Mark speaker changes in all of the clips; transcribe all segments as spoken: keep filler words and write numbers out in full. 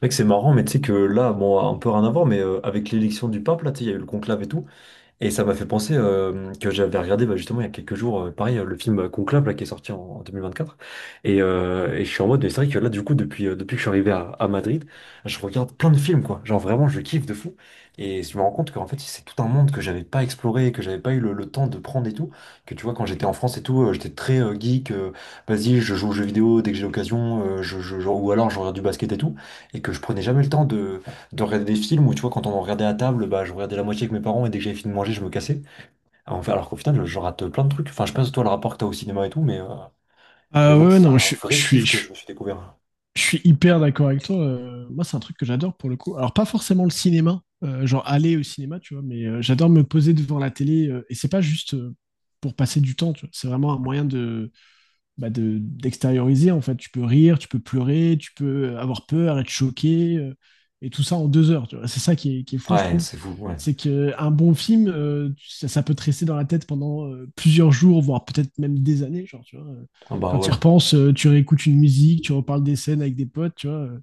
Speaker 1: Mec, c'est marrant, mais tu sais que là, bon, un peu rien à voir, mais euh, avec l'élection du pape, là, tu sais, il y a eu le conclave et tout. Et ça m'a fait penser euh, que j'avais regardé, bah, justement il y a quelques jours, euh, pareil, euh, le film Conclave là, qui est sorti en, en deux mille vingt-quatre. Et, euh, et je suis en mode, mais c'est vrai que là, du coup, depuis, euh, depuis que je suis arrivé à, à Madrid, je regarde plein de films, quoi. Genre vraiment, je kiffe de fou. Et je me rends compte qu'en fait, c'est tout un monde que j'avais pas exploré, que j'avais pas eu le, le temps de prendre et tout. Que tu vois, quand j'étais en France et tout, euh, j'étais très euh, geek. Euh, vas-y, je joue aux jeux vidéo dès que j'ai l'occasion, euh, je, je- je- ou alors je regarde du basket et tout. Et que je prenais jamais le temps de regarder des films, où tu vois, quand on en regardait à table, bah je regardais la moitié avec mes parents, et dès que j'avais fini de manger je me cassais. Alors, enfin, alors qu'au final je rate plein de trucs. Enfin, je sais pas si toi, le rapport que t'as au cinéma et tout, mais euh, mais
Speaker 2: Ah, ouais,
Speaker 1: moi
Speaker 2: ouais,
Speaker 1: c'est
Speaker 2: non,
Speaker 1: un
Speaker 2: je, je
Speaker 1: vrai
Speaker 2: suis,
Speaker 1: kiff que
Speaker 2: je,
Speaker 1: je me suis découvert.
Speaker 2: je suis hyper d'accord avec toi. Euh, moi, c'est un truc que j'adore pour le coup. Alors, pas forcément le cinéma, euh, genre aller au cinéma, tu vois, mais euh, j'adore me poser devant la télé. Euh, et c'est pas juste euh, pour passer du temps, tu vois. C'est vraiment un moyen de, bah, de, d'extérioriser en fait. Tu peux rire, tu peux pleurer, tu peux avoir peur, être choqué, euh, et tout ça en deux heures. Tu vois. C'est ça qui est, qui est, fou, je
Speaker 1: Ouais,
Speaker 2: trouve.
Speaker 1: c'est fou, ouais.
Speaker 2: C'est qu'un bon film, euh, ça, ça, peut te rester dans la tête pendant euh, plusieurs jours, voire peut-être même des années. Genre, tu vois. Euh,
Speaker 1: Ah bah
Speaker 2: quand tu y
Speaker 1: ouais.
Speaker 2: repenses, euh, tu réécoutes une musique, tu reparles des scènes avec des potes. Tu vois. Euh.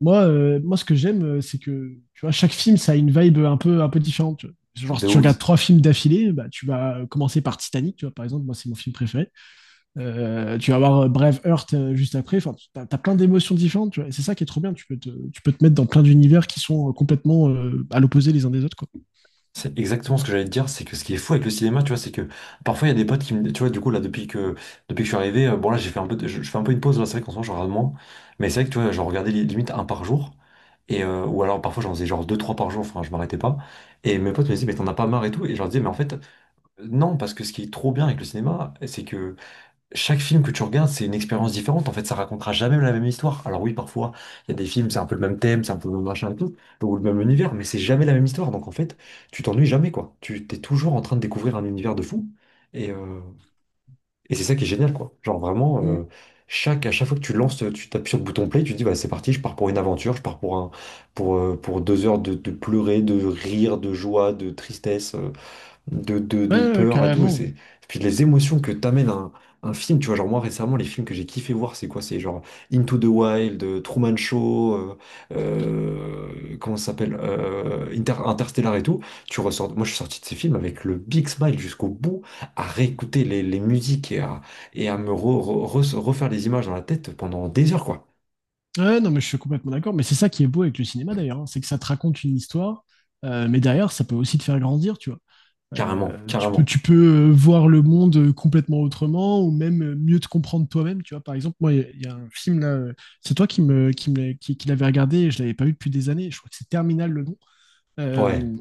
Speaker 2: Moi, euh, moi, ce que j'aime, euh, c'est que tu vois, chaque film, ça a une vibe un peu, un peu différente. Tu vois. Genre, si
Speaker 1: De
Speaker 2: tu regardes
Speaker 1: ouf.
Speaker 2: trois films d'affilée, bah, tu vas commencer par Titanic, tu vois, par exemple. Moi, c'est mon film préféré. Euh, tu vas avoir Braveheart euh, juste après. Enfin, t'as as, plein d'émotions différentes. Tu vois. Et c'est ça qui est trop bien. Tu peux te, tu peux te mettre dans plein d'univers qui sont euh, complètement euh, à l'opposé les uns des autres. Quoi.
Speaker 1: C'est exactement ce que j'allais te dire, c'est que ce qui est fou avec le cinéma, tu vois, c'est que parfois il y a des potes qui me. Tu vois, du coup, là, depuis que, depuis que je suis arrivé, euh, bon, là, j'ai fait un peu de- je, je fais un peu une pause. Là, c'est vrai qu'en ce moment, je regarde moins, mais c'est vrai que, tu vois, je regardais, li- limite, un par jour, et, euh, ou alors parfois, j'en faisais genre deux, trois par jour, enfin, je m'arrêtais pas. Et mes potes me disaient, mais t'en as pas marre et tout, et je leur disais, mais en fait, euh, non, parce que ce qui est trop bien avec le cinéma, c'est que chaque film que tu regardes, c'est une expérience différente. En fait, ça racontera jamais la même histoire. Alors oui, parfois, il y a des films, c'est un peu le même thème, c'est un peu le même machin et tout, ou le même univers, mais c'est jamais la même histoire. Donc en fait, tu t'ennuies jamais, quoi. Tu t'es toujours en train de découvrir un univers de fou. Et, euh, et c'est ça qui est génial, quoi. Genre vraiment,
Speaker 2: Mm.
Speaker 1: euh, chaque, à chaque fois que tu lances, tu tapes sur le bouton play, tu te dis, bah, c'est parti, je pars pour une aventure, je pars pour un, pour, euh, pour deux heures de, de pleurer, de rire, de joie, de tristesse, euh, de, de, de
Speaker 2: Ouais, ouais,
Speaker 1: peur et tout. Et c'est,
Speaker 2: carrément.
Speaker 1: et puis les émotions que t'amène un, un film, tu vois, genre moi récemment, les films que j'ai kiffé voir, c'est quoi? C'est genre Into the Wild, euh, Truman Show, euh, euh, comment ça s'appelle? Euh, Inter- Interstellar et tout. Tu ressors. Moi, je suis sorti de ces films avec le big smile jusqu'au bout, à réécouter les, les musiques, et à, et à me re- re- re- refaire les images dans la tête pendant des heures, quoi.
Speaker 2: Ouais, non, mais je suis complètement d'accord. Mais c'est ça qui est beau avec le cinéma d'ailleurs, hein. C'est que ça te raconte une histoire, euh, mais derrière, ça peut aussi te faire grandir, tu vois.
Speaker 1: Carrément,
Speaker 2: Euh, tu peux,
Speaker 1: carrément.
Speaker 2: tu peux euh, voir le monde euh, complètement autrement ou même euh, mieux te comprendre toi-même. Tu vois, par exemple, moi, il y, a- il y a un film là, euh, c'est toi qui me, qui me, qui, qui l'avais regardé et je l'avais pas vu depuis des années. Je crois que c'est Terminal le nom. Euh,
Speaker 1: Ouais,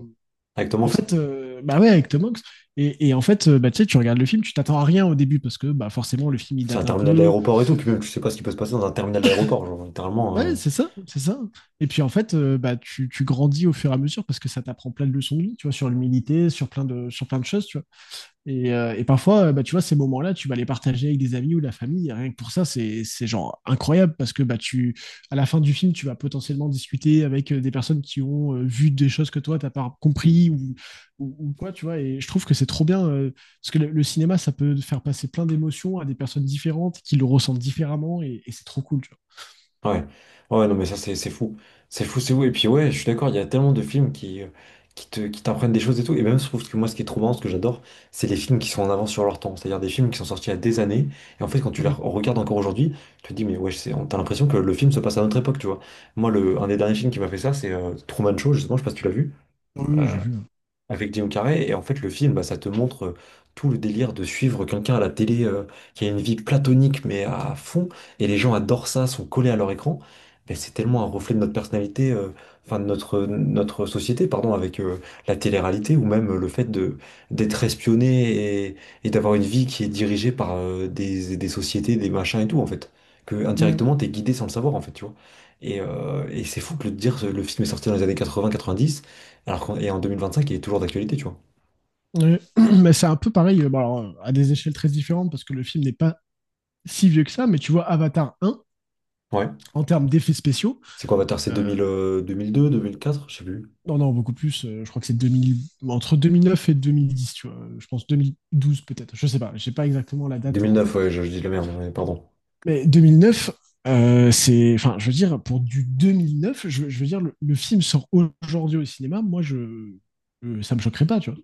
Speaker 1: avec Tom
Speaker 2: en
Speaker 1: Hanks.
Speaker 2: fait, euh, bah ouais, avec Tom Hanks. Et, et en fait, euh, bah, tu sais, tu regardes le film, tu t'attends à rien au début parce que bah, forcément, le film, il
Speaker 1: C'est
Speaker 2: date
Speaker 1: un
Speaker 2: un
Speaker 1: terminal
Speaker 2: peu.
Speaker 1: d'aéroport et tout, puis même tu sais pas ce qui peut se passer dans un terminal d'aéroport, genre littéralement. euh,
Speaker 2: Ouais, c'est ça, c'est ça. Et puis en fait, euh, bah, tu, tu grandis au fur et à mesure parce que ça t'apprend plein de leçons de vie, tu vois, sur l'humilité, sur plein de, sur plein de choses, tu vois. Et, euh, et parfois, euh, bah, tu vois, ces moments-là, tu vas les partager avec des amis ou de la famille. Et rien que pour ça, c'est c'est genre incroyable parce que bah, tu, à la fin du film, tu vas potentiellement discuter avec euh, des personnes qui ont euh, vu des choses que toi, t'as pas compris ou, ou, ou quoi, tu vois. Et je trouve que c'est trop bien euh, parce que le, le cinéma, ça peut faire passer plein d'émotions à des personnes différentes qui le ressentent différemment et, et c'est trop cool, tu
Speaker 1: Ouais, ouais, non, mais ça, c'est c'est fou. C'est fou, c'est fou. Et puis, ouais, je suis d'accord, il y a tellement de films qui, euh, qui te, qui t'apprennent des choses et tout. Et même, je trouve que moi, ce qui est trop marrant, ce que j'adore, c'est les films qui sont en avance sur leur temps. C'est-à-dire des films qui sont sortis il y a des années. Et en fait, quand tu
Speaker 2: vois.
Speaker 1: les
Speaker 2: Mm.
Speaker 1: regardes encore aujourd'hui, tu te dis, mais ouais, c'est- t'as l'impression que le film se passe à notre époque, tu vois. Moi, le, un des derniers films qui m'a fait ça, c'est euh, Truman Show, justement, je sais pas si tu l'as vu
Speaker 2: Oui, j'ai vu.
Speaker 1: avec Guillaume Carré. Et en fait, le film, bah, ça te montre euh, tout le délire de suivre quelqu'un à la télé, euh, qui a une vie platonique, mais à fond. Et les gens adorent ça, sont collés à leur écran. Mais c'est tellement un reflet de notre personnalité, euh, enfin de notre, notre société, pardon, avec euh, la télé-réalité, ou même euh, le fait de d'être espionné, et, et d'avoir une vie qui est dirigée par euh, des, des sociétés, des machins et tout, en fait. Que
Speaker 2: Mm.
Speaker 1: indirectement, t'es guidé sans le savoir, en fait, tu vois. Et, euh, et c'est fou que le, dire, le film est sorti dans les années quatre-vingt quatre-vingt-dix alors qu'en- et en deux mille vingt-cinq, il est toujours d'actualité, tu vois.
Speaker 2: Ouais. Mais c'est un peu pareil, euh, bon, alors, euh, à des échelles très différentes parce que le film n'est pas si vieux que ça, mais tu vois, Avatar un
Speaker 1: Ouais.
Speaker 2: en termes d'effets spéciaux.
Speaker 1: C'est quoi Avatar? C'est
Speaker 2: Euh,
Speaker 1: deux mille, euh, deux mille deux, deux mille quatre? Je sais plus.
Speaker 2: non, non, beaucoup plus. Euh, je crois que c'est deux mille entre deux mille neuf et deux mille dix, tu vois. Je pense deux mille douze peut-être. Je sais pas. J'ai pas exactement la date en
Speaker 1: deux mille neuf,
Speaker 2: tête.
Speaker 1: ouais, je, je dis de la merde, ouais, pardon.
Speaker 2: Mais deux mille neuf, euh, c'est. Enfin, je veux dire, pour du deux mille neuf, je, je veux dire, le, le film sort aujourd'hui au cinéma. Moi, je, euh, ça me choquerait pas, tu vois.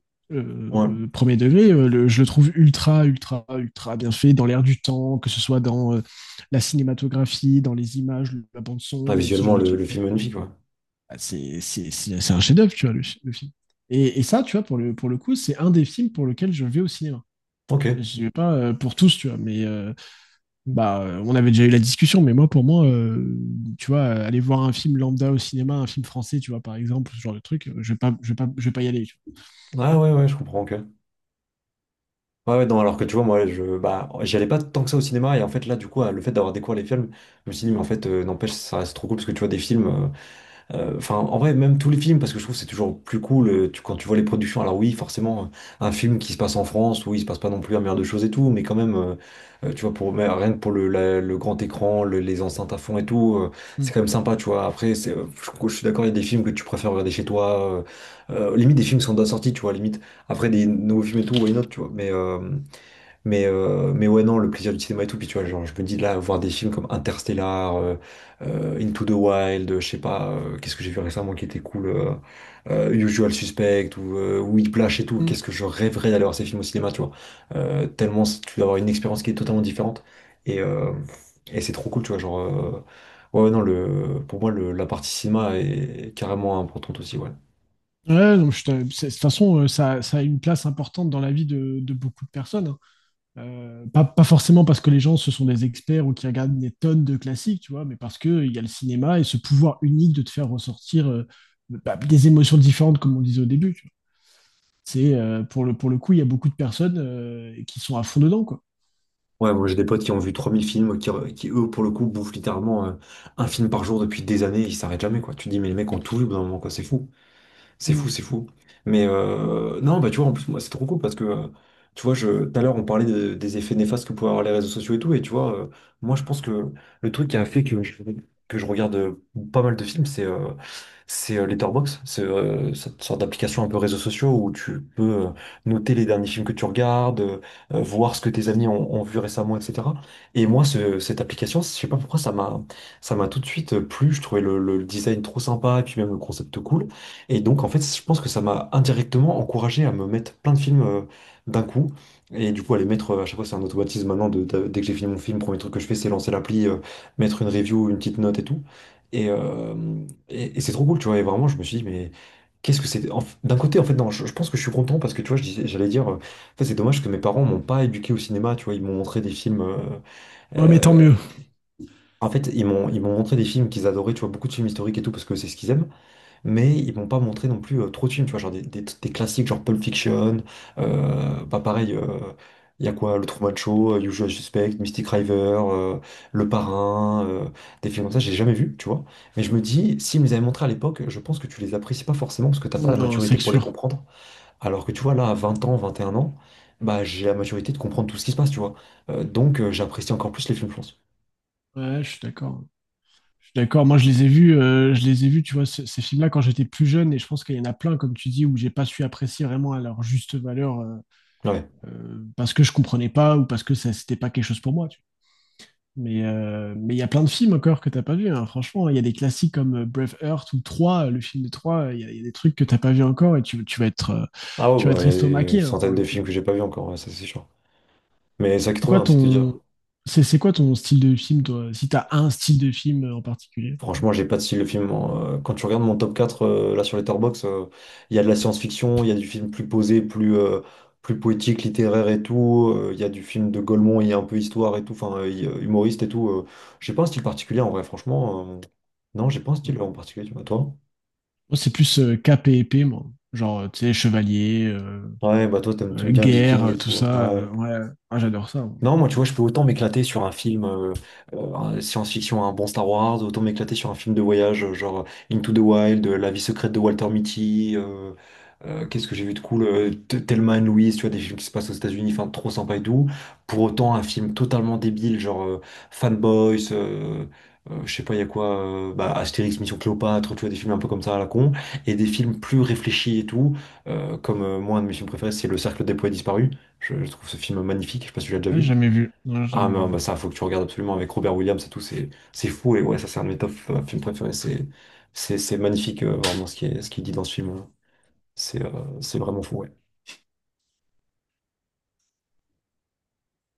Speaker 1: Ouais.
Speaker 2: Euh, premier degré, euh, le- je le trouve ultra, ultra, ultra bien fait dans l'air du temps, que ce soit dans euh, la cinématographie, dans les images, la bande
Speaker 1: Ah,
Speaker 2: son, euh, ce genre
Speaker 1: visuellement,
Speaker 2: de
Speaker 1: le,
Speaker 2: truc.
Speaker 1: le film magnifique, ouais.
Speaker 2: Bah, c'est c'est- c'est- c'est un chef-d'œuvre, tu vois, le, le film. Et, et ça, tu vois, pour le, pour le coup, c'est un des films pour lequel je vais au cinéma.
Speaker 1: Ok.
Speaker 2: Je vais pas euh, pour tous, tu vois, mais euh, bah, euh, on avait déjà eu la discussion, mais moi, pour moi, euh, tu vois, euh, aller voir un film lambda au cinéma, un film français, tu vois, par exemple, ce genre de truc, euh, je vais pas, je vais pas, je vais pas y aller. Tu
Speaker 1: Ah ouais, ouais, je comprends, ok. Ouais, ouais, non, alors que tu vois, moi, je, bah, j'y allais pas tant que ça au cinéma, et en fait, là, du coup, le fait d'avoir découvert les films, je me suis dit, mais en fait, euh, n'empêche, ça reste trop cool, parce que tu vois, des films. euh, Euh, Enfin, en vrai, même tous les films, parce que je trouve que c'est toujours plus cool, euh, tu- quand tu vois les productions. Alors oui, forcément, euh, un film qui se passe en France, oui, il se passe pas non plus un milliard de choses et tout, mais quand même, euh, euh, tu vois, pour, mais rien que pour le, la- le grand écran, le- les enceintes à fond et tout, euh,
Speaker 2: vois.
Speaker 1: c'est
Speaker 2: Mm.
Speaker 1: quand même sympa, tu vois. Après, c'est, euh, je, je suis d'accord, il y a des films que tu préfères regarder chez toi. Euh, euh, limite, des films qui sont déjà sortis, tu vois, limite. Après, des nouveaux films et tout, why not, tu vois. Mais, euh, mais, euh, mais ouais, non, le plaisir du cinéma et tout. Puis tu vois, genre, je me dis là, voir des films comme Interstellar, euh, euh, Into the Wild, euh, je sais pas, euh, qu'est-ce que j'ai vu récemment qui était cool, euh, euh, Usual Suspect ou euh, Whiplash et tout.
Speaker 2: Mm.
Speaker 1: Qu'est-ce que je rêverais d'aller voir ces films au cinéma, tu vois. Euh, tellement c- tu dois avoir une expérience qui est totalement différente. Et, euh, et c'est trop cool, tu vois. Genre, euh, ouais, ouais, non, le, pour moi, le, la partie cinéma est carrément importante aussi, ouais.
Speaker 2: Ouais, donc, je te- c'est de toute façon, euh, ça, ça a une place importante dans la vie de, de beaucoup de personnes, hein. Euh, pas, pas forcément parce que les gens, ce sont des experts ou qui regardent des tonnes de classiques, tu vois, mais parce qu'il y a le cinéma et ce pouvoir unique de te faire ressortir euh, bah, des émotions différentes, comme on disait au début. Tu vois. C'est, euh, pour le, pour le coup, il y a beaucoup de personnes euh, qui sont à fond dedans, quoi.
Speaker 1: Ouais, moi j'ai des potes qui ont vu trois mille films, qui, qui, eux, pour le coup, bouffent littéralement euh, un film par jour depuis des années, ils s'arrêtent jamais, quoi. Tu te dis, mais les mecs ont tout vu au bout d'un moment, quoi, c'est fou. C'est fou,
Speaker 2: Mm.
Speaker 1: c'est fou. Mais euh, non, bah tu vois, en plus, moi, c'est trop cool parce que, euh, tu vois, je, tout à l'heure, on parlait de- des effets néfastes que pouvaient avoir les réseaux sociaux et tout. Et tu vois, euh, moi, je pense que le truc qui a fait que je, que je regarde euh, pas mal de films, c'est euh, c'est euh, Letterboxd. C'est euh, cette sorte d'application un peu réseaux sociaux où tu peux euh, noter les derniers films que tu regardes, euh, euh, voir ce que tes amis ont, ont vu récemment, et cetera. Et moi, ce- cette application, je sais pas pourquoi, ça m'a ça m'a tout de suite euh, plu. Je trouvais le, le design trop sympa, et puis même le concept cool. Et donc, en fait, je pense que ça m'a indirectement encouragé à me mettre plein de films euh, d'un coup. Et du coup, à les mettre, euh, à chaque fois, c'est un automatisme maintenant. de- de- dès que j'ai fini mon film, le premier truc que je fais, c'est lancer l'appli, euh, mettre une review, une petite note et tout. Et, euh, et, et c'est trop cool, tu vois. Et vraiment, je me suis dit, mais qu'est-ce que c'est. En f- d'un côté, en fait, non, je, je pense que je suis content parce que, tu vois, je disais- j'allais dire, euh, en fait, c'est dommage que mes parents m'ont pas éduqué au cinéma, tu vois. Ils m'ont montré des films. euh,
Speaker 2: Ouais, mais tant
Speaker 1: euh,
Speaker 2: mieux.
Speaker 1: En fait, ils m'ont ils m'ont montré des films qu'ils adoraient, tu vois, beaucoup de films historiques et tout, parce que c'est ce qu'ils aiment, mais ils vont pas montrer non plus euh, trop de films, tu vois, genre des, des- des classiques genre Pulp Fiction, euh, bah pareil, il y a quoi, Le Truman Show, euh, Usual Suspect, Mystic River, euh, Le Parrain, euh, des films comme ça, j'ai jamais vu, tu vois, mais je me dis, s'ils me les avaient montrés à l'époque, je pense que tu les apprécies pas forcément parce que t'as pas
Speaker 2: Mm.
Speaker 1: la
Speaker 2: Non,
Speaker 1: maturité
Speaker 2: c'est
Speaker 1: pour les
Speaker 2: sûr.
Speaker 1: comprendre, alors que tu vois, là, à vingt ans, vingt et un ans, bah j'ai la maturité de comprendre tout ce qui se passe, tu vois. Euh, donc euh, j'apprécie encore plus les films, je pense.
Speaker 2: Ouais, je suis d'accord. Je suis d'accord. Moi, je les ai vus, euh, je les ai vus, tu vois, ce- ces films-là quand j'étais plus jeune, et je pense qu'il y en a plein, comme tu dis, où j'ai pas su apprécier vraiment à leur juste valeur, euh,
Speaker 1: Ouais.
Speaker 2: euh, parce que je comprenais pas ou parce que ça, c'était pas quelque chose pour moi. Tu mais euh, mais il y a plein de films encore que t'as pas vu, hein. Franchement, il y a des classiques comme euh, Braveheart ou Trois le film de Trois il y a, il y a des trucs que t'as pas vu encore et tu, tu vas être, euh,
Speaker 1: Ah ouais,
Speaker 2: tu vas
Speaker 1: bah,
Speaker 2: être
Speaker 1: il y a des
Speaker 2: estomaqué, hein, pour
Speaker 1: centaines
Speaker 2: le
Speaker 1: de films
Speaker 2: coup.
Speaker 1: que j'ai pas vus encore, ouais, ça c'est sûr. Mais ça qui est
Speaker 2: C'est
Speaker 1: trop
Speaker 2: quoi
Speaker 1: bien, c'est de te dire.
Speaker 2: ton, c'est c'est quoi ton style de film, toi? Si t'as un style de film euh, en particulier?
Speaker 1: Franchement, j'ai pas de style de film, hein. Euh, quand tu regardes mon top quatre euh, là sur Letterboxd, euh, il y a de la science-fiction, il y a du film plus posé, plus, euh, plus poétique, littéraire et tout. euh, Il y a du film de Gaulmont, il y a un peu histoire et tout, enfin euh, il- euh, humoriste et tout. euh. J'ai pas un style particulier en vrai, franchement. euh, Non, j'ai pas un
Speaker 2: Mm.
Speaker 1: style en particulier, tu vois. Toi?
Speaker 2: Moi, c'est plus euh, cap et épée, moi. Genre, euh, tu sais, chevalier, euh,
Speaker 1: Ouais, bah toi, t'aimes t'aimes
Speaker 2: euh,
Speaker 1: bien
Speaker 2: guerre,
Speaker 1: Viking et
Speaker 2: euh, tout
Speaker 1: tout, hein.
Speaker 2: ça. Euh,
Speaker 1: Ouais.
Speaker 2: ouais, moi, j'adore ça, moi.
Speaker 1: Non, moi, tu vois, je peux autant m'éclater sur un film, euh, euh, un science-fiction, un bon Star Wars, autant m'éclater sur un film de voyage, euh, genre Into the Wild, euh, La vie secrète de Walter Mitty, euh, euh, qu'est-ce que j'ai vu de cool, euh, T- Thelma and Louise, tu vois, des films qui se passent aux États-Unis, enfin, trop sympa et tout. Pour autant, un film totalement débile, genre euh, Fanboys, euh, euh, je sais pas, il y a quoi, euh, bah, Astérix, Mission Cléopâtre, tu vois, des films un peu comme ça à la con, et des films plus réfléchis et tout, euh, comme euh, moi, un de mes films préférés, c'est Le Cercle des poètes disparus. Je, je trouve ce film magnifique, je sais pas si tu l'as déjà
Speaker 2: Ouais, j'ai
Speaker 1: vu.
Speaker 2: jamais vu. Non, j'ai
Speaker 1: Ah
Speaker 2: jamais
Speaker 1: non,
Speaker 2: vu.
Speaker 1: bah ça, faut que tu regardes absolument avec Robert Williams et tout, c'est c'est fou, et ouais, ça c'est un de mes top euh, films préférés, c'est c'est c'est magnifique euh, vraiment ce qui est ce qu'il dit dans ce film, hein. C'est euh, c'est vraiment fou, ouais.